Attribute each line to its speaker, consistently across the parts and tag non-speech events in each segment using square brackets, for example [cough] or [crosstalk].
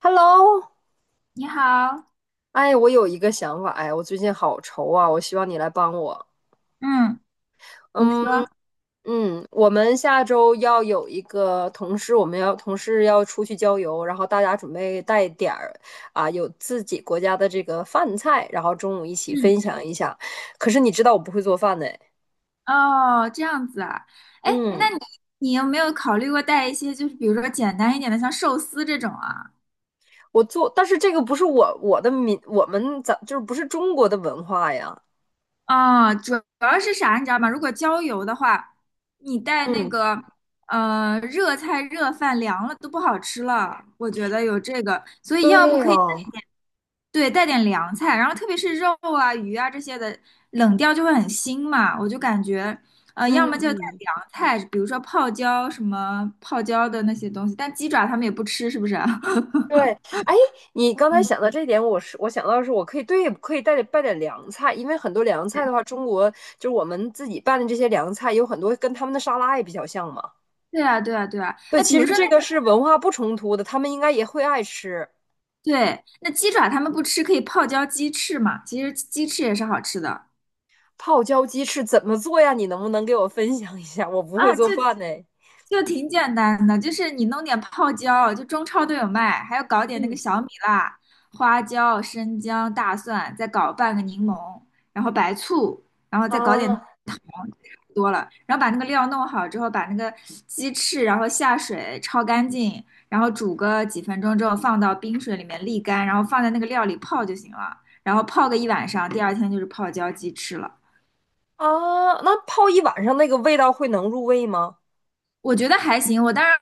Speaker 1: Hello，
Speaker 2: 你好。
Speaker 1: 哎，我有一个想法，哎，我最近好愁啊，我希望你来帮我。
Speaker 2: 嗯你
Speaker 1: 嗯
Speaker 2: 说。
Speaker 1: 嗯，我们下周要有一个同事，我们要同事要出去郊游，然后大家准备带点儿啊，有自己国家的这个饭菜，然后中午一起
Speaker 2: 嗯，
Speaker 1: 分享一下。可是你知道我不会做饭呢，
Speaker 2: 哦，这样子啊。哎，那你
Speaker 1: 嗯，
Speaker 2: 你有没有考虑过带一些，就是比如说简单一点的，像寿司这种啊？
Speaker 1: 我做，但是这个不是我的民，我们咱就是不是中国的文化呀，
Speaker 2: 啊，主要是啥，你知道吗？如果郊游的话，你带那
Speaker 1: 嗯，
Speaker 2: 个热菜热饭凉了都不好吃了，我觉得有这个，所以要不
Speaker 1: 对
Speaker 2: 可以
Speaker 1: 哦，
Speaker 2: 点对，带点凉菜，然后特别是肉啊鱼啊这些的冷掉就会很腥嘛，我就感觉要么就带
Speaker 1: 嗯，
Speaker 2: 凉菜，比如说泡椒什么泡椒的那些东西，但鸡爪他们也不吃，是不是啊？
Speaker 1: 对，
Speaker 2: [laughs]
Speaker 1: 哎，你刚才
Speaker 2: 嗯，
Speaker 1: 想到这一点，我想到的是，我可以对，可以带点拌点凉菜，因为很多凉菜
Speaker 2: 对，
Speaker 1: 的话，中国就是我们自己拌的这些凉菜，有很多跟他们的沙拉也比较像嘛。
Speaker 2: 对啊，对啊，对啊。
Speaker 1: 对，
Speaker 2: 哎，比
Speaker 1: 其实
Speaker 2: 如说那。
Speaker 1: 这个是文化不冲突的，他们应该也会爱吃。
Speaker 2: 对，那鸡爪他们不吃，可以泡椒鸡翅嘛？其实鸡翅也是好吃的。
Speaker 1: 泡椒鸡翅怎么做呀？你能不能给我分享一下？我不会
Speaker 2: 啊，
Speaker 1: 做
Speaker 2: 就
Speaker 1: 饭呢。
Speaker 2: 就挺简单的，就是你弄点泡椒，就中超都有卖，还要搞点那个小米辣、花椒、生姜、大蒜，再搞半个柠檬，然后白醋，然后再搞点
Speaker 1: 啊
Speaker 2: 糖，差不多了。然后把那个料弄好之后，把那个鸡翅然后下水焯干净，然后煮个几分钟之后放到冰水里面沥干，然后放在那个料里泡就行了。然后泡个一晚上，第二天就是泡椒鸡翅了。
Speaker 1: 啊，那泡一晚上那个味道会能入味吗？
Speaker 2: 我觉得还行。我当然，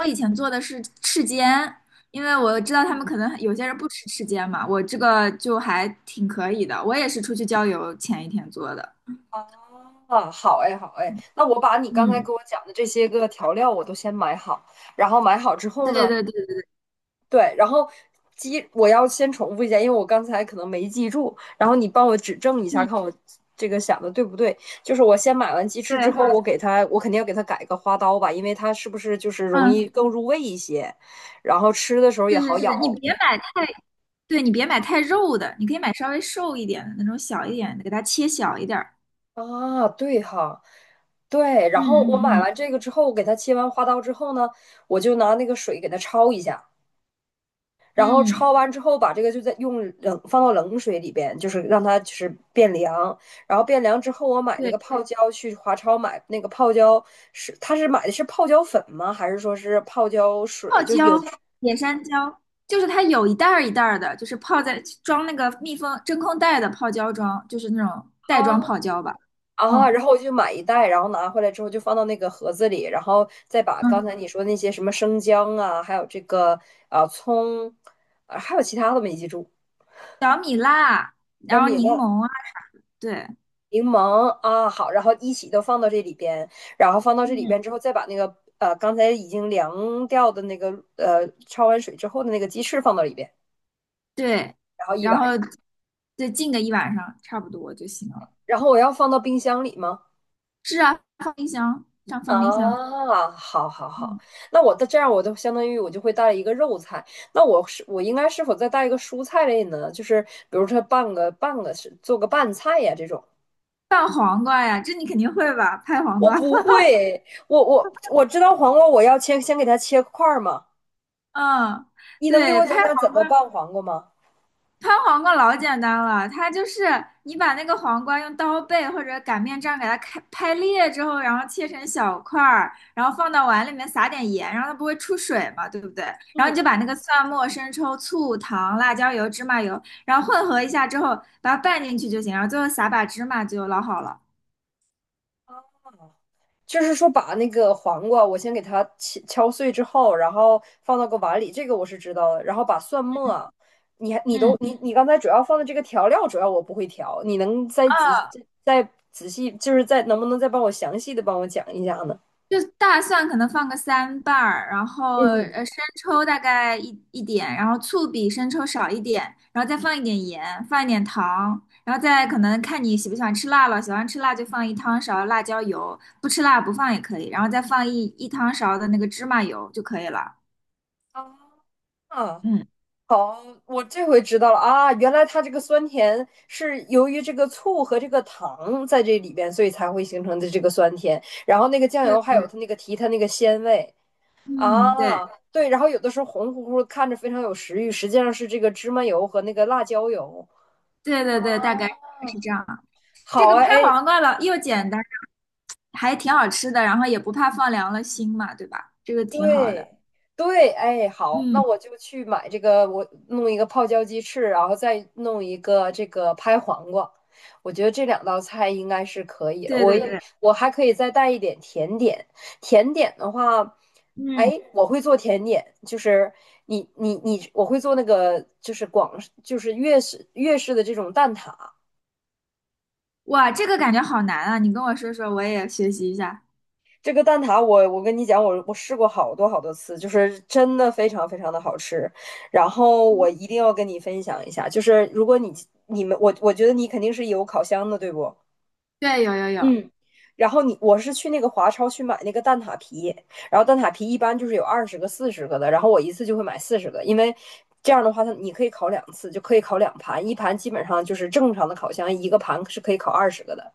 Speaker 2: 我以前做的是翅尖，因为我知道他们可能有些人不吃翅尖嘛，我这个就还挺可以的。我也是出去郊游前一天做的。
Speaker 1: 啊，好哎，好哎，那我把你刚才
Speaker 2: 嗯，
Speaker 1: 给我讲的这些个调料我都先买好，然后买好之后
Speaker 2: 对对
Speaker 1: 呢，
Speaker 2: 对对。
Speaker 1: 对，然后鸡我要先重复一下，因为我刚才可能没记住，然后你帮我指正一下，
Speaker 2: 嗯，
Speaker 1: 看我这个想的对不对。就是我先买完鸡翅
Speaker 2: 对，
Speaker 1: 之
Speaker 2: 好。
Speaker 1: 后，我给它，我肯定要给它改个花刀吧，因为它是不是就是容易
Speaker 2: 嗯，
Speaker 1: 更入味一些，然后吃的时候也
Speaker 2: 是是
Speaker 1: 好
Speaker 2: 是，你
Speaker 1: 咬。
Speaker 2: 别买太，对你别买太肉的，你可以买稍微瘦一点的那种小一点的，给它切小一点儿。
Speaker 1: 啊，对哈，对。然后我
Speaker 2: 嗯
Speaker 1: 买
Speaker 2: 嗯
Speaker 1: 完这个之后，我给它切完花刀之后呢，我就拿那个水给它焯一下，
Speaker 2: 嗯
Speaker 1: 然后
Speaker 2: 嗯，
Speaker 1: 焯完之后，把这个就在用冷放到冷水里边，就是让它就是变凉。然后变凉之后，我买那
Speaker 2: 对。
Speaker 1: 个泡椒去华超买那个泡椒是，他是买的是泡椒粉吗？还是说是泡椒水？
Speaker 2: 泡
Speaker 1: 就是有
Speaker 2: 椒，野山椒，就是它有一袋儿一袋儿的，就是泡在装那个密封真空袋的泡椒装，就是那种袋装
Speaker 1: 啊，
Speaker 2: 泡椒吧。
Speaker 1: 啊，
Speaker 2: 嗯
Speaker 1: 然后我就买一袋，然后拿回来之后就放到那个盒子里，然后再把刚
Speaker 2: 嗯，
Speaker 1: 才你说的那些什么生姜啊，还有这个啊葱，啊还有其他的没记住，
Speaker 2: 小米辣，然
Speaker 1: 姜
Speaker 2: 后
Speaker 1: 饼、
Speaker 2: 柠
Speaker 1: 辣、
Speaker 2: 檬啊。对，
Speaker 1: 柠檬啊，好，然后一起都放到这里边，然后放到这里
Speaker 2: 嗯
Speaker 1: 边之后，再把那个刚才已经凉掉的那个焯完水之后的那个鸡翅放到里边，
Speaker 2: 对，
Speaker 1: 然后一
Speaker 2: 然
Speaker 1: 晚
Speaker 2: 后
Speaker 1: 上，
Speaker 2: 对浸个一晚上差不多就行了。
Speaker 1: 然后我要放到冰箱里吗？
Speaker 2: 是啊，放冰箱，这样放冰箱。
Speaker 1: 啊，好，好，好，
Speaker 2: 嗯，
Speaker 1: 那我的这样，我就相当于我就会带一个肉菜，那我是我应该是否再带一个蔬菜类呢？就是比如说拌个是做个拌菜呀这种，
Speaker 2: 拌黄瓜呀，这你肯定会吧？拍黄
Speaker 1: 我
Speaker 2: 瓜。[laughs]
Speaker 1: 不会，我知道黄瓜我要切，先给它切块儿嘛，
Speaker 2: 嗯，
Speaker 1: 你能给
Speaker 2: 对，
Speaker 1: 我
Speaker 2: 拍。
Speaker 1: 讲讲怎么拌黄瓜吗？
Speaker 2: 拍黄瓜老简单了，它就是你把那个黄瓜用刀背或者擀面杖给它开拍裂之后，然后切成小块儿，然后放到碗里面撒点盐，然后它不会出水嘛，对不对？然后你
Speaker 1: 嗯
Speaker 2: 就把那个蒜末、生抽、醋、糖、辣椒油、芝麻油，然后混合一下之后，把它拌进去就行，然后最后撒把芝麻就老好了。
Speaker 1: 就是说把那个黄瓜，我先给它敲敲碎之后，然后放到个碗里，这个我是知道的。然后把蒜末，你还你都
Speaker 2: 嗯，
Speaker 1: 你你刚才主要放的这个调料，主要我不会调，你能再仔
Speaker 2: 啊，
Speaker 1: 再仔细，就是再能不能再帮我详细的帮我讲一下呢？
Speaker 2: 就大蒜可能放个三瓣儿，然后
Speaker 1: 嗯，
Speaker 2: 生抽大概一点，然后醋比生抽少一点，然后再放一点盐，放一点糖，然后再可能看你喜不喜欢吃辣了，喜欢吃辣就放一汤勺辣椒油，不吃辣不放也可以，然后再放一汤勺的那个芝麻油就可以了。
Speaker 1: 啊，
Speaker 2: 嗯，
Speaker 1: 好，我这回知道了啊，原来它这个酸甜是由于这个醋和这个糖在这里边，所以才会形成的这个酸甜。然后那个酱
Speaker 2: 对
Speaker 1: 油还
Speaker 2: 对
Speaker 1: 有
Speaker 2: 对。
Speaker 1: 它那个提它那个鲜味。啊，
Speaker 2: 嗯，对
Speaker 1: 对，然后有的时候红乎乎的看着非常有食欲，实际上是这个芝麻油和那个辣椒油。
Speaker 2: 对对对，大概是这样。这
Speaker 1: 好
Speaker 2: 个
Speaker 1: 啊，
Speaker 2: 拍
Speaker 1: 哎，
Speaker 2: 黄瓜了又简单，还挺好吃的，然后也不怕放凉了心嘛，对吧？这个挺好的。
Speaker 1: 对对，哎，好，那
Speaker 2: 嗯，
Speaker 1: 我就去买这个，我弄一个泡椒鸡翅，然后再弄一个这个拍黄瓜。我觉得这两道菜应该是可以了。
Speaker 2: 对
Speaker 1: 我
Speaker 2: 对
Speaker 1: 也
Speaker 2: 对。
Speaker 1: 我还可以再带一点甜点，甜点的话，
Speaker 2: 嗯，
Speaker 1: 哎，我会做甜点，就是你，我会做那个就是广就是粤式的这种蛋挞。
Speaker 2: 哇，这个感觉好难啊！你跟我说说，我也学习一下。
Speaker 1: 这个蛋挞我，我跟你讲，我试过好多好多次，就是真的非常非常的好吃。然后我一定要跟你分享一下，就是如果你你们我觉得你肯定是有烤箱的，对不？
Speaker 2: 对，有有有。
Speaker 1: 嗯，然后你我是去那个华超去买那个蛋挞皮，然后蛋挞皮一般就是有二十个、四十个的，然后我一次就会买四十个，因为这样的话它你可以烤两次，就可以烤两盘，一盘基本上就是正常的烤箱一个盘是可以烤二十个的。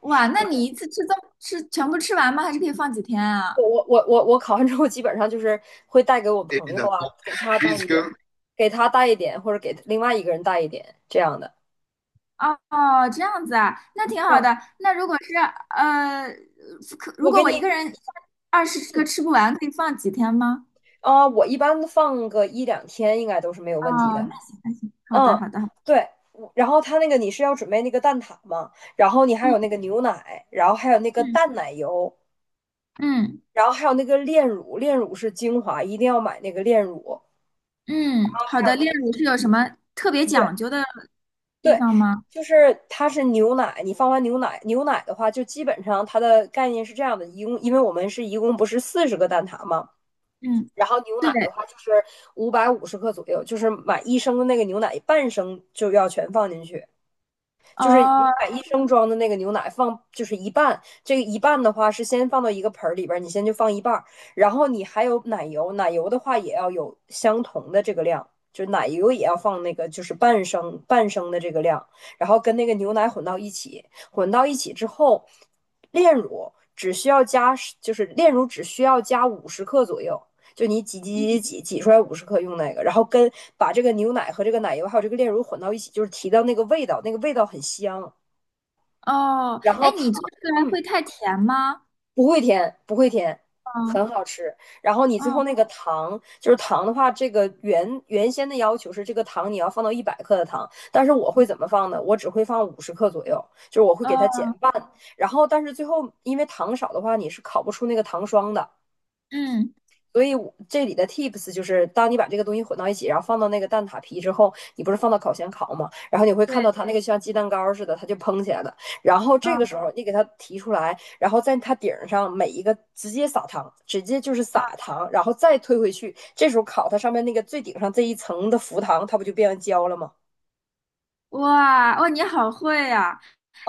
Speaker 2: 哇，那你一次吃这么吃全部吃完吗？还是可以放几天
Speaker 1: 我
Speaker 2: 啊？
Speaker 1: 我我我我考完之后，基本上就是会带给我
Speaker 2: é
Speaker 1: 朋友啊，给他带一点，给他带一点，或者给另外一个人带一点这样的。
Speaker 2: 哦哦，这样子啊，那挺好
Speaker 1: 嗯，
Speaker 2: 的。那如果是呃，可如
Speaker 1: 我
Speaker 2: 果
Speaker 1: 给
Speaker 2: 我
Speaker 1: 你，
Speaker 2: 一个人一下20个吃不完，可以放几天吗？
Speaker 1: 啊、我一般放个一两天应该都是没有问题
Speaker 2: 哦，
Speaker 1: 的。
Speaker 2: 那行那行，好的
Speaker 1: 嗯，
Speaker 2: 好的，好的。
Speaker 1: 对。然后他那个你是要准备那个蛋挞嘛，然后你还有
Speaker 2: 嗯
Speaker 1: 那个牛奶，然后还有那个
Speaker 2: 嗯
Speaker 1: 淡奶油，
Speaker 2: 嗯
Speaker 1: 然后还有那个炼乳，炼乳是精华，一定要买那个炼乳。然
Speaker 2: 嗯，
Speaker 1: 后
Speaker 2: 好
Speaker 1: 还有
Speaker 2: 的。
Speaker 1: 那
Speaker 2: 炼
Speaker 1: 个
Speaker 2: 乳是有什么特别
Speaker 1: 对，
Speaker 2: 讲究的地
Speaker 1: 对，
Speaker 2: 方吗？
Speaker 1: 就是它是牛奶，你放完牛奶，牛奶的话，就基本上它的概念是这样的，一共因为我们是一共不是四十个蛋挞嘛，
Speaker 2: 嗯，
Speaker 1: 然后牛
Speaker 2: 对，
Speaker 1: 奶的话就是550克左右，就是买一升的那个牛奶，半升就要全放进去。就是你
Speaker 2: 哦，
Speaker 1: 把一升装的那个牛奶放，就是一半，这个一半的话是先放到一个盆儿里边儿，你先就放一半儿，然后你还有奶油，奶油的话也要有相同的这个量，就奶油也要放那个就是半升半升的这个量，然后跟那个牛奶混到一起，混到一起之后，炼乳只需要加，就是炼乳只需要加五十克左右，就你挤挤挤
Speaker 2: 嗯。
Speaker 1: 挤挤出来五十克用那个，然后跟把这个牛奶和这个奶油还有这个炼乳混到一起，就是提到那个味道，那个味道很香。
Speaker 2: 哦，
Speaker 1: 然后
Speaker 2: 哎，你
Speaker 1: 糖，
Speaker 2: 做出来
Speaker 1: 嗯，
Speaker 2: 会太甜吗？
Speaker 1: 不会甜，不会甜，
Speaker 2: 嗯
Speaker 1: 很好吃。然后你最后
Speaker 2: 嗯
Speaker 1: 那个糖，就是糖的话，这个原先的要求是这个糖你要放到100克的糖，但是我会怎么放呢？我只会放五十克左右，就是我会给它
Speaker 2: 哦
Speaker 1: 减半。然后，但是最后因为糖少的话，你是烤不出那个糖霜的。
Speaker 2: 嗯，
Speaker 1: 所以这里的 tips 就是，当你把这个东西混到一起，然后放到那个蛋挞皮之后，你不是放到烤箱烤吗？然后你会看到
Speaker 2: 对，
Speaker 1: 它那个像鸡蛋糕似的，它就蓬起来了。然后这个
Speaker 2: 嗯
Speaker 1: 时候你给它提出来，然后在它顶上每一个直接撒糖，直接就是
Speaker 2: 嗯，
Speaker 1: 撒糖，然后再推回去。这时候烤它上面那个最顶上这一层的浮糖，它不就变成焦了吗？
Speaker 2: 哇哦，你好会呀、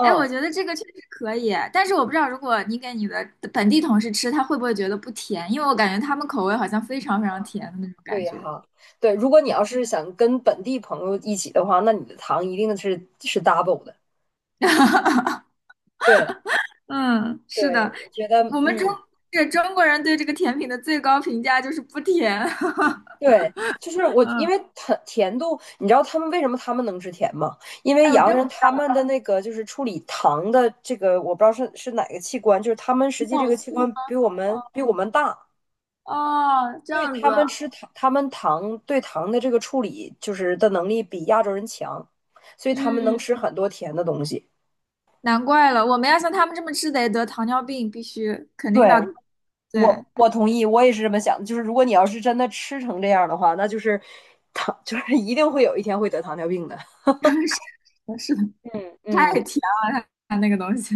Speaker 2: 哎，我觉得这个确实可以，但是我不知道如果你给你的本地同事吃，他会不会觉得不甜？因为我感觉他们口味好像非常非常甜的那种感
Speaker 1: 对
Speaker 2: 觉。
Speaker 1: 哈，对，如果你要是想跟本地朋友一起的话，那你的糖一定是 double 的。对
Speaker 2: 嗯，是
Speaker 1: 对，
Speaker 2: 的。
Speaker 1: 我觉得
Speaker 2: 我们中
Speaker 1: 嗯，
Speaker 2: 这中国人对这个甜品的最高评价就是不甜。
Speaker 1: 对，就是
Speaker 2: [laughs]
Speaker 1: 我，因
Speaker 2: 嗯，
Speaker 1: 为甜甜度，你知道他们为什么他们能吃甜吗？因为
Speaker 2: 哎，我
Speaker 1: 洋
Speaker 2: 真
Speaker 1: 人他们的那个就是处理糖的这个，我不知道是哪个器官，就是他们
Speaker 2: 不
Speaker 1: 实
Speaker 2: 知
Speaker 1: 际
Speaker 2: 道，
Speaker 1: 这
Speaker 2: 我
Speaker 1: 个器
Speaker 2: 素
Speaker 1: 官比我们大，
Speaker 2: 哦，这
Speaker 1: 对
Speaker 2: 样子。
Speaker 1: 他们吃糖，他们糖对糖的这个处理就是的能力比亚洲人强，所以他们
Speaker 2: 嗯。
Speaker 1: 能吃很多甜的东西。
Speaker 2: 难怪了，我们要像他们这么吃得糖尿病，必须肯定
Speaker 1: 对，
Speaker 2: 的。
Speaker 1: 我
Speaker 2: 对。
Speaker 1: 我同意，我也是这么想的。就是如果你要是真的吃成这样的话，那就是糖，就是一定会有一天会得糖尿病的。
Speaker 2: [laughs] 是的，是的。
Speaker 1: 嗯
Speaker 2: 太
Speaker 1: 嗯。
Speaker 2: 甜了，他那个东西。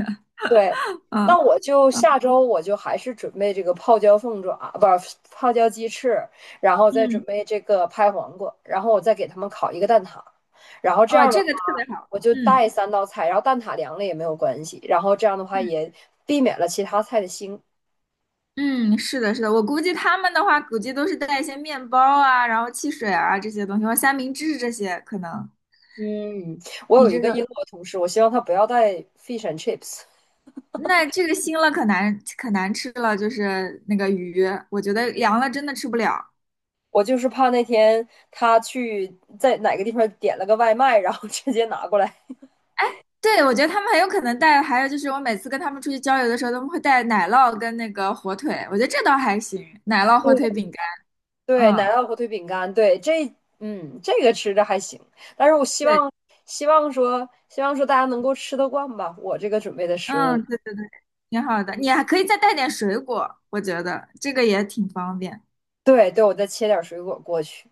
Speaker 1: 对，
Speaker 2: 嗯
Speaker 1: 那我就
Speaker 2: 嗯
Speaker 1: 下周我就还是准备这个泡椒凤爪，不是泡椒鸡翅，然后再准
Speaker 2: 嗯，
Speaker 1: 备这个拍黄瓜，然后我再给他们烤一个蛋挞，然后这
Speaker 2: 哇，
Speaker 1: 样的话
Speaker 2: 这个特别好。
Speaker 1: 我就
Speaker 2: 嗯
Speaker 1: 带三道菜，然后蛋挞凉了也没有关系，然后这样的话
Speaker 2: 嗯
Speaker 1: 也避免了其他菜的腥。
Speaker 2: 嗯，是的，是的，我估计他们的话，估计都是带一些面包啊，然后汽水啊这些东西，或者三明治这些可能。
Speaker 1: 嗯，我
Speaker 2: 你
Speaker 1: 有一
Speaker 2: 这
Speaker 1: 个
Speaker 2: 个，
Speaker 1: 英国同事，我希望他不要带 fish and chips,
Speaker 2: 那这个腥了可难吃了，就是那个鱼，我觉得凉了真的吃不了。
Speaker 1: 我就是怕那天他去在哪个地方点了个外卖，然后直接拿过来。
Speaker 2: 对，我觉得他们很有可能带，还有就是我每次跟他们出去郊游的时候，他们会带奶酪跟那个火腿，我觉得这倒还行，奶酪火腿
Speaker 1: [laughs]
Speaker 2: 饼干，
Speaker 1: 对，奶
Speaker 2: 嗯，
Speaker 1: 酪火腿饼干，对，这，嗯，这个吃着还行，但是我希
Speaker 2: 对，
Speaker 1: 望，希望说，希望说大家能够吃得惯吧，我这个准备的食物。
Speaker 2: 嗯，对对对，挺好的，你还可以再带点水果，我觉得这个也挺方便。
Speaker 1: 对，对，我再切点水果过去。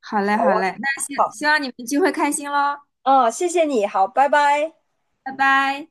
Speaker 2: 好嘞，
Speaker 1: 好
Speaker 2: 好
Speaker 1: 啊，
Speaker 2: 嘞，那希
Speaker 1: 好，
Speaker 2: 希望你们聚会开心喽。
Speaker 1: 嗯，谢谢你，好，拜拜。
Speaker 2: 拜拜。